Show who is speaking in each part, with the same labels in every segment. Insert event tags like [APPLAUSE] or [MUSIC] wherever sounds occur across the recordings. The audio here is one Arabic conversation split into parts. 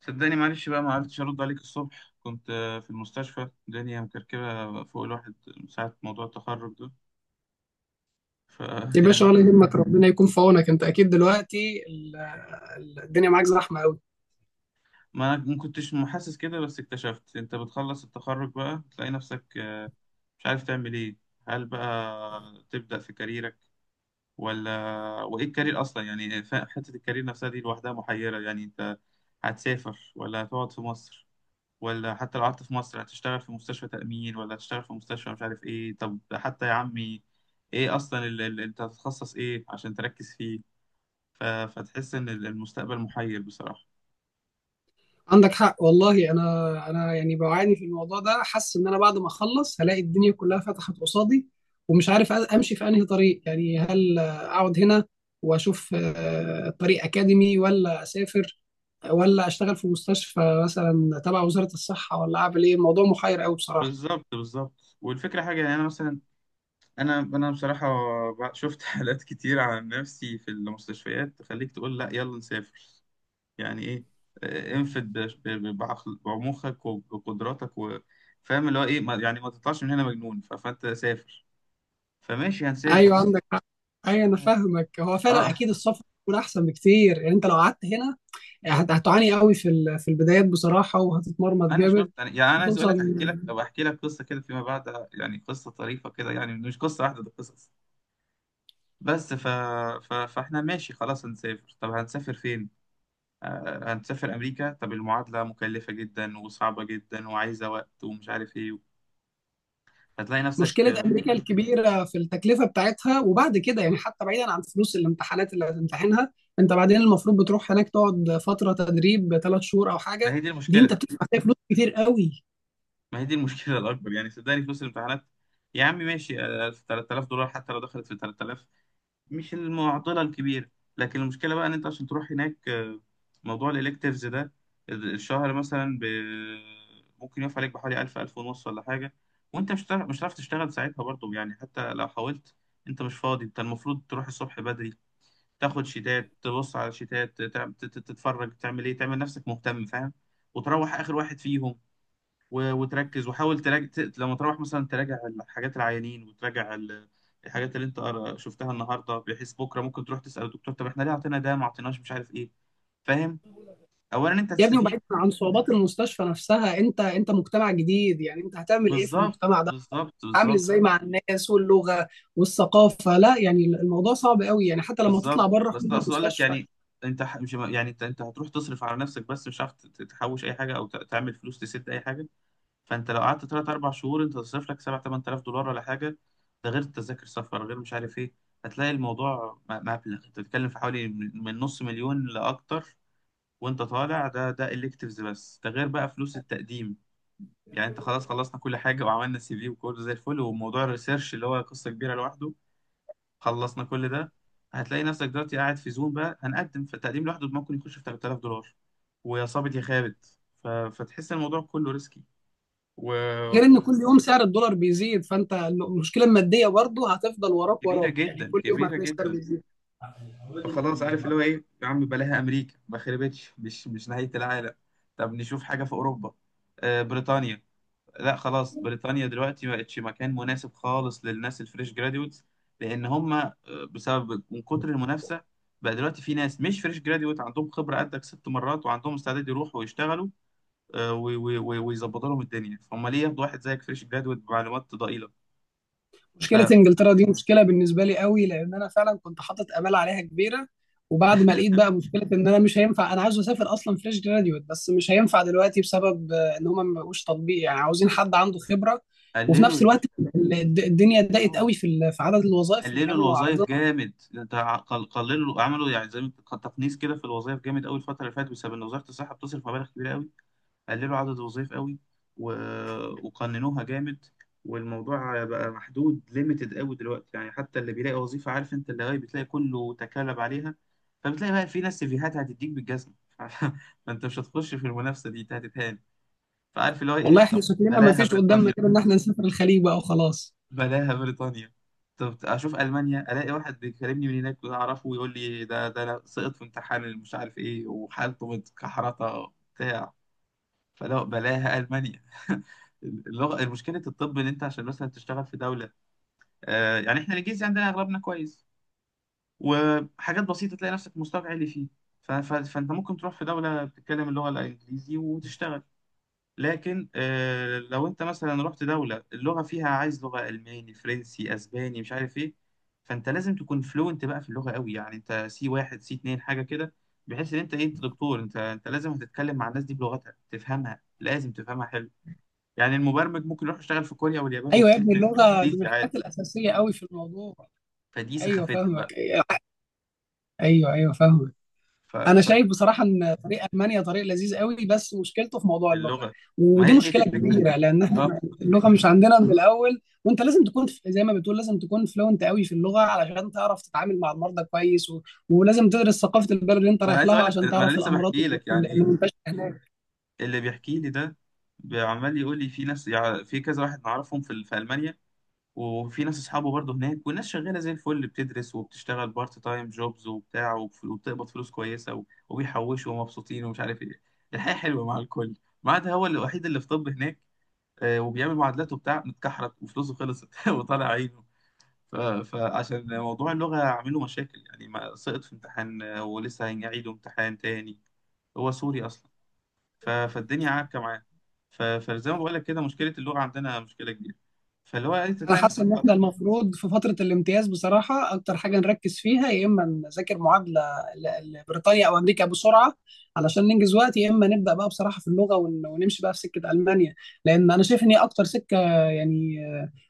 Speaker 1: صدقني، معلش بقى ما عرفتش ارد عليك الصبح. كنت في المستشفى، الدنيا مكركبه فوق الواحد من ساعه، موضوع التخرج ده ف
Speaker 2: يا
Speaker 1: [LAUGHS] يعني
Speaker 2: باشا،
Speaker 1: الواحد.
Speaker 2: ولا يهمك، ربنا يكون في عونك. انت اكيد دلوقتي الدنيا معاك زحمه قوي.
Speaker 1: ما انا ما كنتش محسس كده، بس اكتشفت انت بتخلص التخرج بقى تلاقي نفسك مش عارف تعمل ايه. هل بقى تبدا في كاريرك ولا؟ وايه الكارير اصلا؟ يعني حته الكارير نفسها دي لوحدها محيره. يعني انت هتسافر ولا هتقعد في مصر؟ ولا حتى لو قعدت في مصر هتشتغل في مستشفى تأمين ولا هتشتغل في مستشفى مش عارف ايه؟ طب حتى يا عمي، ايه اصلا انت هتتخصص ايه عشان تركز فيه؟ ف فتحس ان المستقبل محير بصراحة.
Speaker 2: عندك حق والله. انا يعني بعاني في الموضوع ده، حاسس ان انا بعد ما اخلص هلاقي الدنيا كلها فتحت قصادي، ومش عارف امشي في انهي طريق. يعني هل اقعد هنا واشوف طريق اكاديمي، ولا اسافر، ولا اشتغل في مستشفى مثلا تبع وزاره الصحه، ولا اعمل ايه؟ الموضوع محير قوي بصراحه.
Speaker 1: بالظبط بالظبط، والفكرة حاجة يعني. انا مثلا، انا بصراحة شفت [LAUGHS] حالات كتير عن نفسي في المستشفيات تخليك تقول لا، يلا نسافر. يعني ايه؟ انفد بعمقك وبقدراتك، وفاهم اللي هو ايه، يعني ما تطلعش من هنا مجنون. فانت سافر. فماشي،
Speaker 2: ايوه،
Speaker 1: هنسافر.
Speaker 2: عندك حق. ايوه، انا فاهمك. هو فعلا
Speaker 1: اه،
Speaker 2: اكيد السفر يكون احسن بكتير. يعني انت لو قعدت هنا، يعني هتعاني قوي في البدايات بصراحه، وهتتمرمط
Speaker 1: انا شفت
Speaker 2: جامد.
Speaker 1: يعني، يعني انا عايز اقول
Speaker 2: وخصوصا
Speaker 1: لك، احكي لك أو احكي لك قصه كده فيما بعد، يعني قصه طريفه كده، يعني مش قصه واحده، ده قصص. بس فاحنا ماشي خلاص، هنسافر. طب هنسافر فين؟ آه هنسافر امريكا. طب المعادله مكلفه جدا وصعبه جدا وعايزه وقت ومش عارف ايه. هتلاقي نفسك
Speaker 2: مشكله امريكا الكبيره في التكلفه بتاعتها، وبعد كده يعني حتى بعيدا عن فلوس الامتحانات اللي هتمتحنها، انت بعدين المفروض بتروح هناك تقعد فتره تدريب 3 شهور او
Speaker 1: ما
Speaker 2: حاجه،
Speaker 1: هي دي
Speaker 2: دي انت
Speaker 1: المشكله.
Speaker 2: بتدفع فيها فلوس كتير قوي.
Speaker 1: ما هي دي المشكله [LAUGHS] الاكبر. يعني صدقني فلوس الامتحانات، يا عم ماشي، 3000 دولار حتى لو دخلت في 3000، مش المعضله الكبيره. لكن المشكله بقى ان انت عشان تروح هناك، موضوع الالكتيفز ده، الشهر مثلا ممكن يقف عليك بحوالي 1000، 1000 ونص ولا حاجه. وانت مش هتعرف، تشتغل ساعتها برضه. يعني حتى لو حاولت، انت مش فاضي. انت المفروض تروح الصبح بدري، تاخد شيتات، تبص على شيتات، تتفرج، تعمل ايه، تعمل نفسك مهتم، فاهم، وتروح اخر واحد فيهم، وتركز وحاول تراجع. لما تروح مثلا، تراجع الحاجات العيانين، وتراجع الحاجات اللي انت شفتها النهارده، بحيث بكره ممكن تروح تسأل الدكتور طب احنا ليه اعطينا ده، ما اعطيناش، مش عارف ايه، فاهم. اولا انت
Speaker 2: يا ابني،
Speaker 1: هتستفيد.
Speaker 2: وبعيدا عن صعوبات المستشفى نفسها، انت مجتمع جديد. يعني انت هتعمل ايه في
Speaker 1: بالظبط
Speaker 2: المجتمع ده؟
Speaker 1: بالظبط،
Speaker 2: عامل
Speaker 1: بالظبط
Speaker 2: ازاي مع الناس واللغه والثقافه؟ لا، يعني الموضوع صعب قوي، يعني حتى لما
Speaker 1: بالظبط.
Speaker 2: تطلع بره
Speaker 1: بس
Speaker 2: حدود
Speaker 1: اقصد اقول لك
Speaker 2: المستشفى.
Speaker 1: يعني، انت مش يعني، انت هتروح تصرف على نفسك بس، مش عارف تحوش اي حاجه او تعمل فلوس تسد اي حاجه. فانت لو قعدت تلات اربع شهور، انت تصرف لك 7 8000 دولار ولا حاجه. ده غير تذاكر سفر، غير مش عارف ايه. هتلاقي الموضوع مبلغ. انت بتتكلم في حوالي من نص مليون لاكتر، وانت طالع. ده electives، بس ده غير بقى فلوس التقديم. يعني انت خلاص، خلصنا كل حاجه وعملنا سي في وكله زي الفل، وموضوع الريسيرش اللي هو قصه كبيره لوحده، خلصنا كل ده، هتلاقي نفسك دلوقتي قاعد في زوم، بقى هنقدم. فالتقديم لوحده ممكن يخش في 3000 دولار، ويا صابت يا خابت. فتحس الموضوع كله ريسكي، و...
Speaker 2: غير ان كل يوم سعر الدولار بيزيد، فانت المشكله الماديه برضه هتفضل وراك
Speaker 1: كبيرة
Speaker 2: وراك. يعني
Speaker 1: جدا،
Speaker 2: كل يوم
Speaker 1: كبيرة
Speaker 2: هتلاقي السعر
Speaker 1: جدا.
Speaker 2: بيزيد.
Speaker 1: فخلاص، عارف اللي هو ايه، يا عم بلاها امريكا، ما خربتش، مش نهاية العالم. طب نشوف حاجة في اوروبا. آه، بريطانيا. لا خلاص، بريطانيا دلوقتي ما بقتش مكان مناسب خالص للناس الفريش جراديوتس، لان هم بسبب من كتر المنافسة، بقى دلوقتي في ناس مش فريش جراديوت عندهم خبرة قدك 6 مرات، وعندهم استعداد يروحوا ويشتغلوا ويظبطوا لهم الدنيا، فهم ليه ياخدوا واحد زيك فريش جراديوت بمعلومات ضئيلة؟
Speaker 2: مشكله انجلترا دي مشكله بالنسبه لي قوي، لان انا فعلا كنت حاطط امال عليها كبيره. وبعد ما لقيت بقى مشكله ان انا مش هينفع، انا عاوز اسافر اصلا فريش جراديوت بس مش هينفع دلوقتي بسبب ان هم ما بقوش تطبيق، يعني عاوزين حد عنده خبره. وفي
Speaker 1: فقللوا
Speaker 2: نفس
Speaker 1: يا باشا.
Speaker 2: الوقت الدنيا ضاقت
Speaker 1: اه،
Speaker 2: قوي في عدد الوظائف اللي
Speaker 1: قللوا
Speaker 2: كانوا
Speaker 1: الوظائف
Speaker 2: عارضينها.
Speaker 1: جامد. انت قللوا، عملوا يعني زي ما تقنيس كده في الوظائف جامد قوي الفتره اللي فاتت، بسبب ان وزاره الصحه بتصرف مبالغ كبيره قوي. قللوا عدد الوظائف قوي، و... وقننوها جامد، والموضوع بقى محدود، ليميتد قوي دلوقتي. يعني حتى اللي بيلاقي وظيفه، عارف انت، اللي هي بتلاقي كله تكالب عليها. فبتلاقي بقى في ناس سيفيهات هتديك بالجزمه [LAUGHS] فانت مش هتخش في المنافسه دي، انت هتتهان. فعارف اللي هو
Speaker 2: والله
Speaker 1: ايه،
Speaker 2: احنا
Speaker 1: طب
Speaker 2: شكلنا ما
Speaker 1: بلاها
Speaker 2: فيش قدامنا
Speaker 1: بريطانيا،
Speaker 2: غير ان احنا نسافر الخليج بقى وخلاص.
Speaker 1: بلاها بريطانيا. طب اشوف المانيا، الاقي واحد بيكلمني من هناك اعرفه ويقول لي ده انا سقط في امتحان اللي مش عارف ايه، وحالته متكحرطه بتاع. فلا بلاها المانيا [LAUGHS] اللغه مشكله الطب، ان انت عشان مثلا تشتغل في دوله، آه، يعني احنا الانجليزي عندنا اغلبنا كويس، وحاجات بسيطه تلاقي نفسك مستواك عالي فيه. فانت ممكن تروح في دوله بتتكلم اللغه الانجليزي وتشتغل. لكن لو انت مثلا رحت دولة اللغة فيها عايز لغة ألماني، فرنسي، أسباني، مش عارف ايه، فانت لازم تكون فلوينت بقى في اللغة قوي، يعني انت سي واحد، سي اتنين، حاجة كده، بحيث ان انت ايه، انت دكتور، انت لازم هتتكلم مع الناس دي بلغتها، تفهمها، لازم تفهمها حلو. يعني المبرمج ممكن يروح يشتغل في كوريا واليابان
Speaker 2: ايوه يا
Speaker 1: والصين
Speaker 2: ابني، اللغه دي من
Speaker 1: بالانجليزي عادي.
Speaker 2: الحاجات الاساسيه قوي في الموضوع.
Speaker 1: فدي
Speaker 2: ايوه
Speaker 1: سخافتها بقى.
Speaker 2: فاهمك. ايوه ايوه فاهمك.
Speaker 1: ف...
Speaker 2: انا شايف بصراحه ان طريق المانيا طريق لذيذ قوي، بس مشكلته في موضوع اللغه.
Speaker 1: فاللغة. ما هي
Speaker 2: ودي
Speaker 1: هي دي
Speaker 2: مشكله
Speaker 1: الفكرة
Speaker 2: كبيره،
Speaker 1: [LAUGHS]
Speaker 2: لان
Speaker 1: اه.
Speaker 2: احنا اللغه مش عندنا من الاول، وانت لازم تكون زي ما بتقول لازم تكون فلوينت قوي في اللغه علشان تعرف تتعامل مع المرضى كويس. ولازم تدرس ثقافه البلد اللي انت
Speaker 1: ما انا
Speaker 2: رايح
Speaker 1: عايز
Speaker 2: لها
Speaker 1: اقول لك،
Speaker 2: عشان
Speaker 1: ما انا
Speaker 2: تعرف
Speaker 1: لسه
Speaker 2: الامراض
Speaker 1: بحكي لك
Speaker 2: اللي
Speaker 1: يعني.
Speaker 2: منتشره هناك.
Speaker 1: اللي بيحكي لي ده عمال يقول لي في ناس، يعني في كذا واحد نعرفهم في ألمانيا، وفي ناس اصحابه برضه هناك، والناس شغاله زي الفل، بتدرس وبتشتغل بارت تايم جوبز وبتاع، وبتقبض فلوس كويسه، وبيحوشوا، ومبسوطين، ومش عارف ايه. الحياه حلوه مع الكل، ما عدا هو الوحيد اللي في طب هناك، وبيعمل معادلات وبتاع، متكحرت وفلوسه خلصت [LAUGHS] وطالع عينه. ف- فعشان موضوع اللغه عامله مشاكل يعني، ما سقط في امتحان ولسه هيعيدوا امتحان تاني. هو سوري اصلا. فالدنيا عكه معاه. فزي ما بقول لك كده، مشكله اللغه عندنا مشكله كبيره. فاللي هو إيه، انت
Speaker 2: انا
Speaker 1: تلاقي
Speaker 2: حاسس
Speaker 1: نفسك
Speaker 2: ان احنا المفروض في فتره الامتياز بصراحه اكتر حاجه نركز فيها، يا اما نذاكر معادله لبريطانيا او امريكا بسرعه علشان ننجز وقت، يا اما نبدا بقى بصراحه في اللغه ونمشي بقى في سكه المانيا، لان انا شايف ان هي اكتر سكه يعني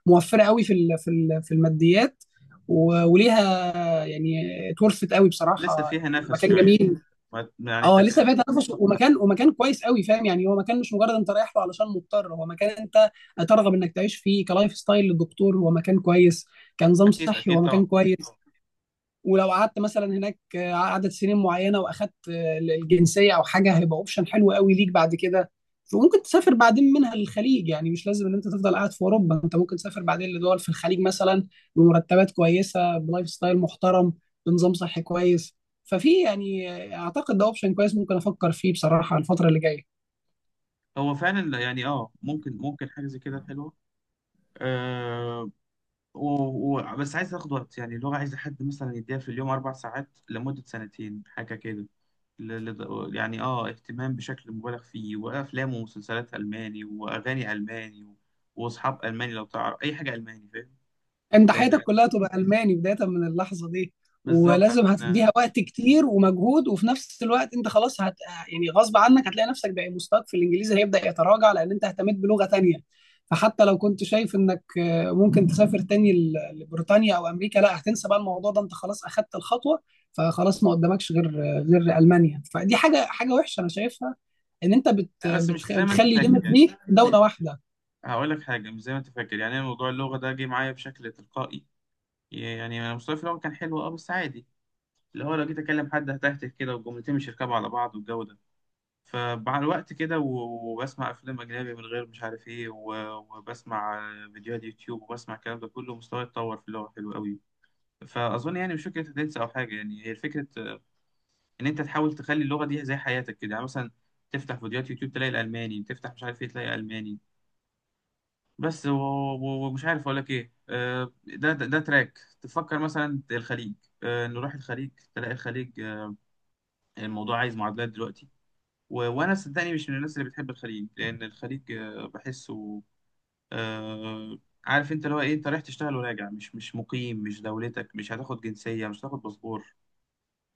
Speaker 2: موفره قوي في الماديات، وليها يعني اتورثت قوي بصراحه.
Speaker 1: لسه فيها
Speaker 2: يعني
Speaker 1: نفس
Speaker 2: مكان
Speaker 1: شويه.
Speaker 2: جميل.
Speaker 1: يعني
Speaker 2: اه لسه فيها تنافس ومكان كويس قوي، فاهم. يعني هو مكان مش مجرد انت رايح له علشان مضطر، هو مكان انت ترغب انك تعيش فيه. كلايف ستايل للدكتور هو مكان كويس، كنظام
Speaker 1: اكيد
Speaker 2: صحي
Speaker 1: اكيد،
Speaker 2: هو
Speaker 1: طبعا
Speaker 2: مكان
Speaker 1: اكيد
Speaker 2: كويس.
Speaker 1: طبعا.
Speaker 2: ولو قعدت مثلا هناك عدد سنين معينه، واخدت الجنسيه او حاجه، هيبقى اوبشن حلو قوي ليك بعد كده. وممكن تسافر بعدين منها للخليج. يعني مش لازم ان انت تفضل قاعد في اوروبا، انت ممكن تسافر بعدين لدول في الخليج مثلا، بمرتبات كويسه، بلايف ستايل محترم، بنظام صحي كويس. ففي يعني اعتقد ده اوبشن كويس ممكن افكر فيه بصراحه الفتره اللي جايه.
Speaker 1: هو فعلا يعني اه، ممكن، حاجه زي كده حلوه، آه، و... بس عايز تاخد وقت. يعني اللغة عايزة حد مثلا يديها في اليوم 4 ساعات لمدة سنتين، حاجة كده. يعني آه، اهتمام بشكل مبالغ فيه، وأفلام ومسلسلات ألماني، وأغاني ألماني، وأصحاب ألماني. لو تعرف أي حاجة ألماني، فاهم.
Speaker 2: انت
Speaker 1: لأن،
Speaker 2: حياتك كلها تبقى الماني بدايه من اللحظه دي.
Speaker 1: بالظبط
Speaker 2: ولازم
Speaker 1: عشان،
Speaker 2: هتديها وقت كتير ومجهود، وفي نفس الوقت انت خلاص يعني غصب عنك هتلاقي نفسك بقى مستواك في الانجليزي هيبدا يتراجع، لان انت اهتميت بلغه تانية. فحتى لو كنت شايف انك ممكن تسافر تاني لبريطانيا او امريكا، لا، هتنسى بقى الموضوع ده، انت خلاص اخدت الخطوه. فخلاص ما قدامكش غير المانيا. فدي حاجه وحشه انا شايفها، ان انت
Speaker 1: لا بس مش زي ما أنت
Speaker 2: بتخلي
Speaker 1: فاكر
Speaker 2: ليميت
Speaker 1: يعني،
Speaker 2: ليك دوله واحده.
Speaker 1: هقول لك حاجة، مش زي ما أنت فاكر يعني، أنا موضوع اللغة ده جه معايا بشكل تلقائي. يعني أنا مستواي في اللغة كان حلو، أه بس عادي، اللي هو لو جيت أكلم حد هتهته كده، والجملتين مش يركبوا على بعض، والجو ده. فمع الوقت كده، وبسمع أفلام أجنبي من غير مش عارف إيه، وبسمع فيديوهات يوتيوب، وبسمع الكلام ده كله، مستواي اتطور في اللغة حلو قوي. فأظن يعني مش فكرة تنسى أو حاجة. يعني هي الفكرة إن أنت تحاول تخلي اللغة دي زي حياتك كده، يعني مثلا تفتح فيديوهات يوتيوب تلاقي الألماني، تفتح مش عارف إيه تلاقي ألماني بس، ومش عارف أقول لك إيه، ده تراك تفكر مثلا الخليج. نروح الخليج تلاقي الخليج، الموضوع عايز معادلات دلوقتي. و... وانا صدقني مش من الناس اللي بتحب الخليج، لان الخليج بحسه، آه، عارف انت اللي هو ايه، انت رايح تشتغل وراجع، مش مقيم، مش دولتك، مش هتاخد جنسية، مش هتاخد باسبور.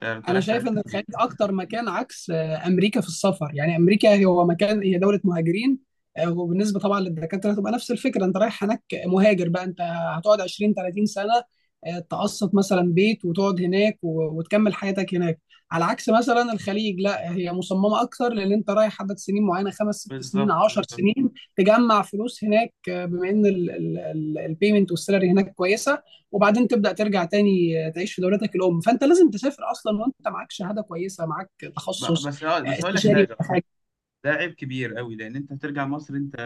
Speaker 1: انت
Speaker 2: انا
Speaker 1: رايح
Speaker 2: شايف ان الخليج
Speaker 1: تأدي.
Speaker 2: اكتر مكان عكس امريكا في السفر. يعني امريكا هو مكان، هي دوله مهاجرين، وبالنسبه طبعا للدكاتره هتبقى نفس الفكره، انت رايح هناك مهاجر بقى، انت هتقعد 20 30 سنه، تقسط مثلا بيت وتقعد هناك، وتكمل حياتك هناك. على عكس مثلا الخليج، لا، هي مصممه اكتر، لان انت رايح عدد سنين معينه، خمس ست سنين،
Speaker 1: بالظبط
Speaker 2: 10
Speaker 1: بالظبط.
Speaker 2: سنين، تجمع فلوس هناك. بما ان البيمنت والسالري هناك كويسه، وبعدين تبدا ترجع تاني تعيش في دولتك الام. فانت لازم تسافر اصلا وانت معاك شهاده كويسه، معاك تخصص،
Speaker 1: بس بس هقول لك
Speaker 2: استشاري
Speaker 1: حاجة،
Speaker 2: ولا حاجه.
Speaker 1: ده عيب كبير قوي، لان انت هترجع مصر، انت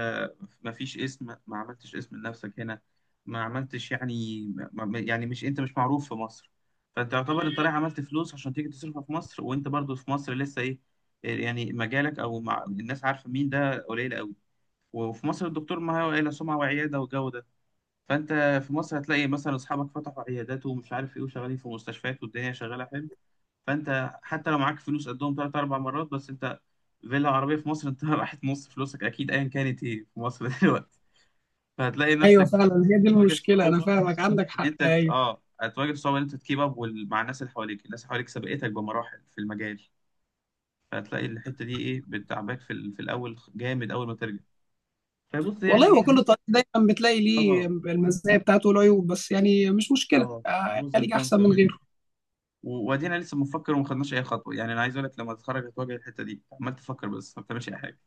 Speaker 1: ما فيش اسم، ما عملتش اسم لنفسك هنا، ما عملتش يعني، يعني، مش انت، مش معروف في مصر. فانت يعتبر انت رايح عملت فلوس عشان تيجي تصرفها في مصر، وانت برضو في مصر لسه ايه، يعني مجالك، او مع الناس عارفه مين ده قليل قوي. وفي مصر الدكتور معاه الا سمعه وعياده والجو ده. فانت في مصر هتلاقي مثلا اصحابك فتحوا عيادات ومش عارف ايه، وشغالين في مستشفيات، والدنيا شغاله حلو. فانت حتى لو معاك فلوس قدهم تلات اربع مرات، بس انت فيلا عربيه في مصر انت [LAUGHS] راحت نص فلوسك اكيد، ايا كانت ايه في مصر [LAUGHS] دلوقتي. فهتلاقي
Speaker 2: ايوه
Speaker 1: نفسك
Speaker 2: فعلا،
Speaker 1: بقى
Speaker 2: هي دي
Speaker 1: بتواجه
Speaker 2: المشكله. انا
Speaker 1: صعوبه،
Speaker 2: فاهمك، عندك
Speaker 1: ان
Speaker 2: حق،
Speaker 1: انت
Speaker 2: ايوه.
Speaker 1: اه هتواجه صعوبه ان انت تكيب اب مع الناس اللي حواليك. الناس اللي حواليك سبقتك بمراحل في المجال. فهتلاقي الحته دي ايه، بتعباك في في الاول جامد، اول ما ترجع. فبص
Speaker 2: والله
Speaker 1: يعني
Speaker 2: هو
Speaker 1: ايه.
Speaker 2: كل طريق دايما بتلاقي
Speaker 1: اه
Speaker 2: ليه المزايا بتاعته والعيوب، بس يعني مش مشكله،
Speaker 1: اه، بروز اند
Speaker 2: خليك
Speaker 1: كونز
Speaker 2: احسن
Speaker 1: زي ما
Speaker 2: من
Speaker 1: بيقولوا.
Speaker 2: غيره.
Speaker 1: وادينا لسه بنفكر، وما خدناش اي خطوه. يعني انا عايز اقول لك، لما تتخرج هتواجه الحته دي، عمال تفكر بس ما بتعملش اي حاجه.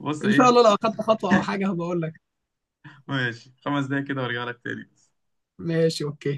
Speaker 1: بص
Speaker 2: ان شاء الله
Speaker 1: ايه،
Speaker 2: لو اخدت خطوه او حاجه هبقول لك.
Speaker 1: ماشي 5 دقايق كده وارجع لك تاني.
Speaker 2: ماشي، اوكي.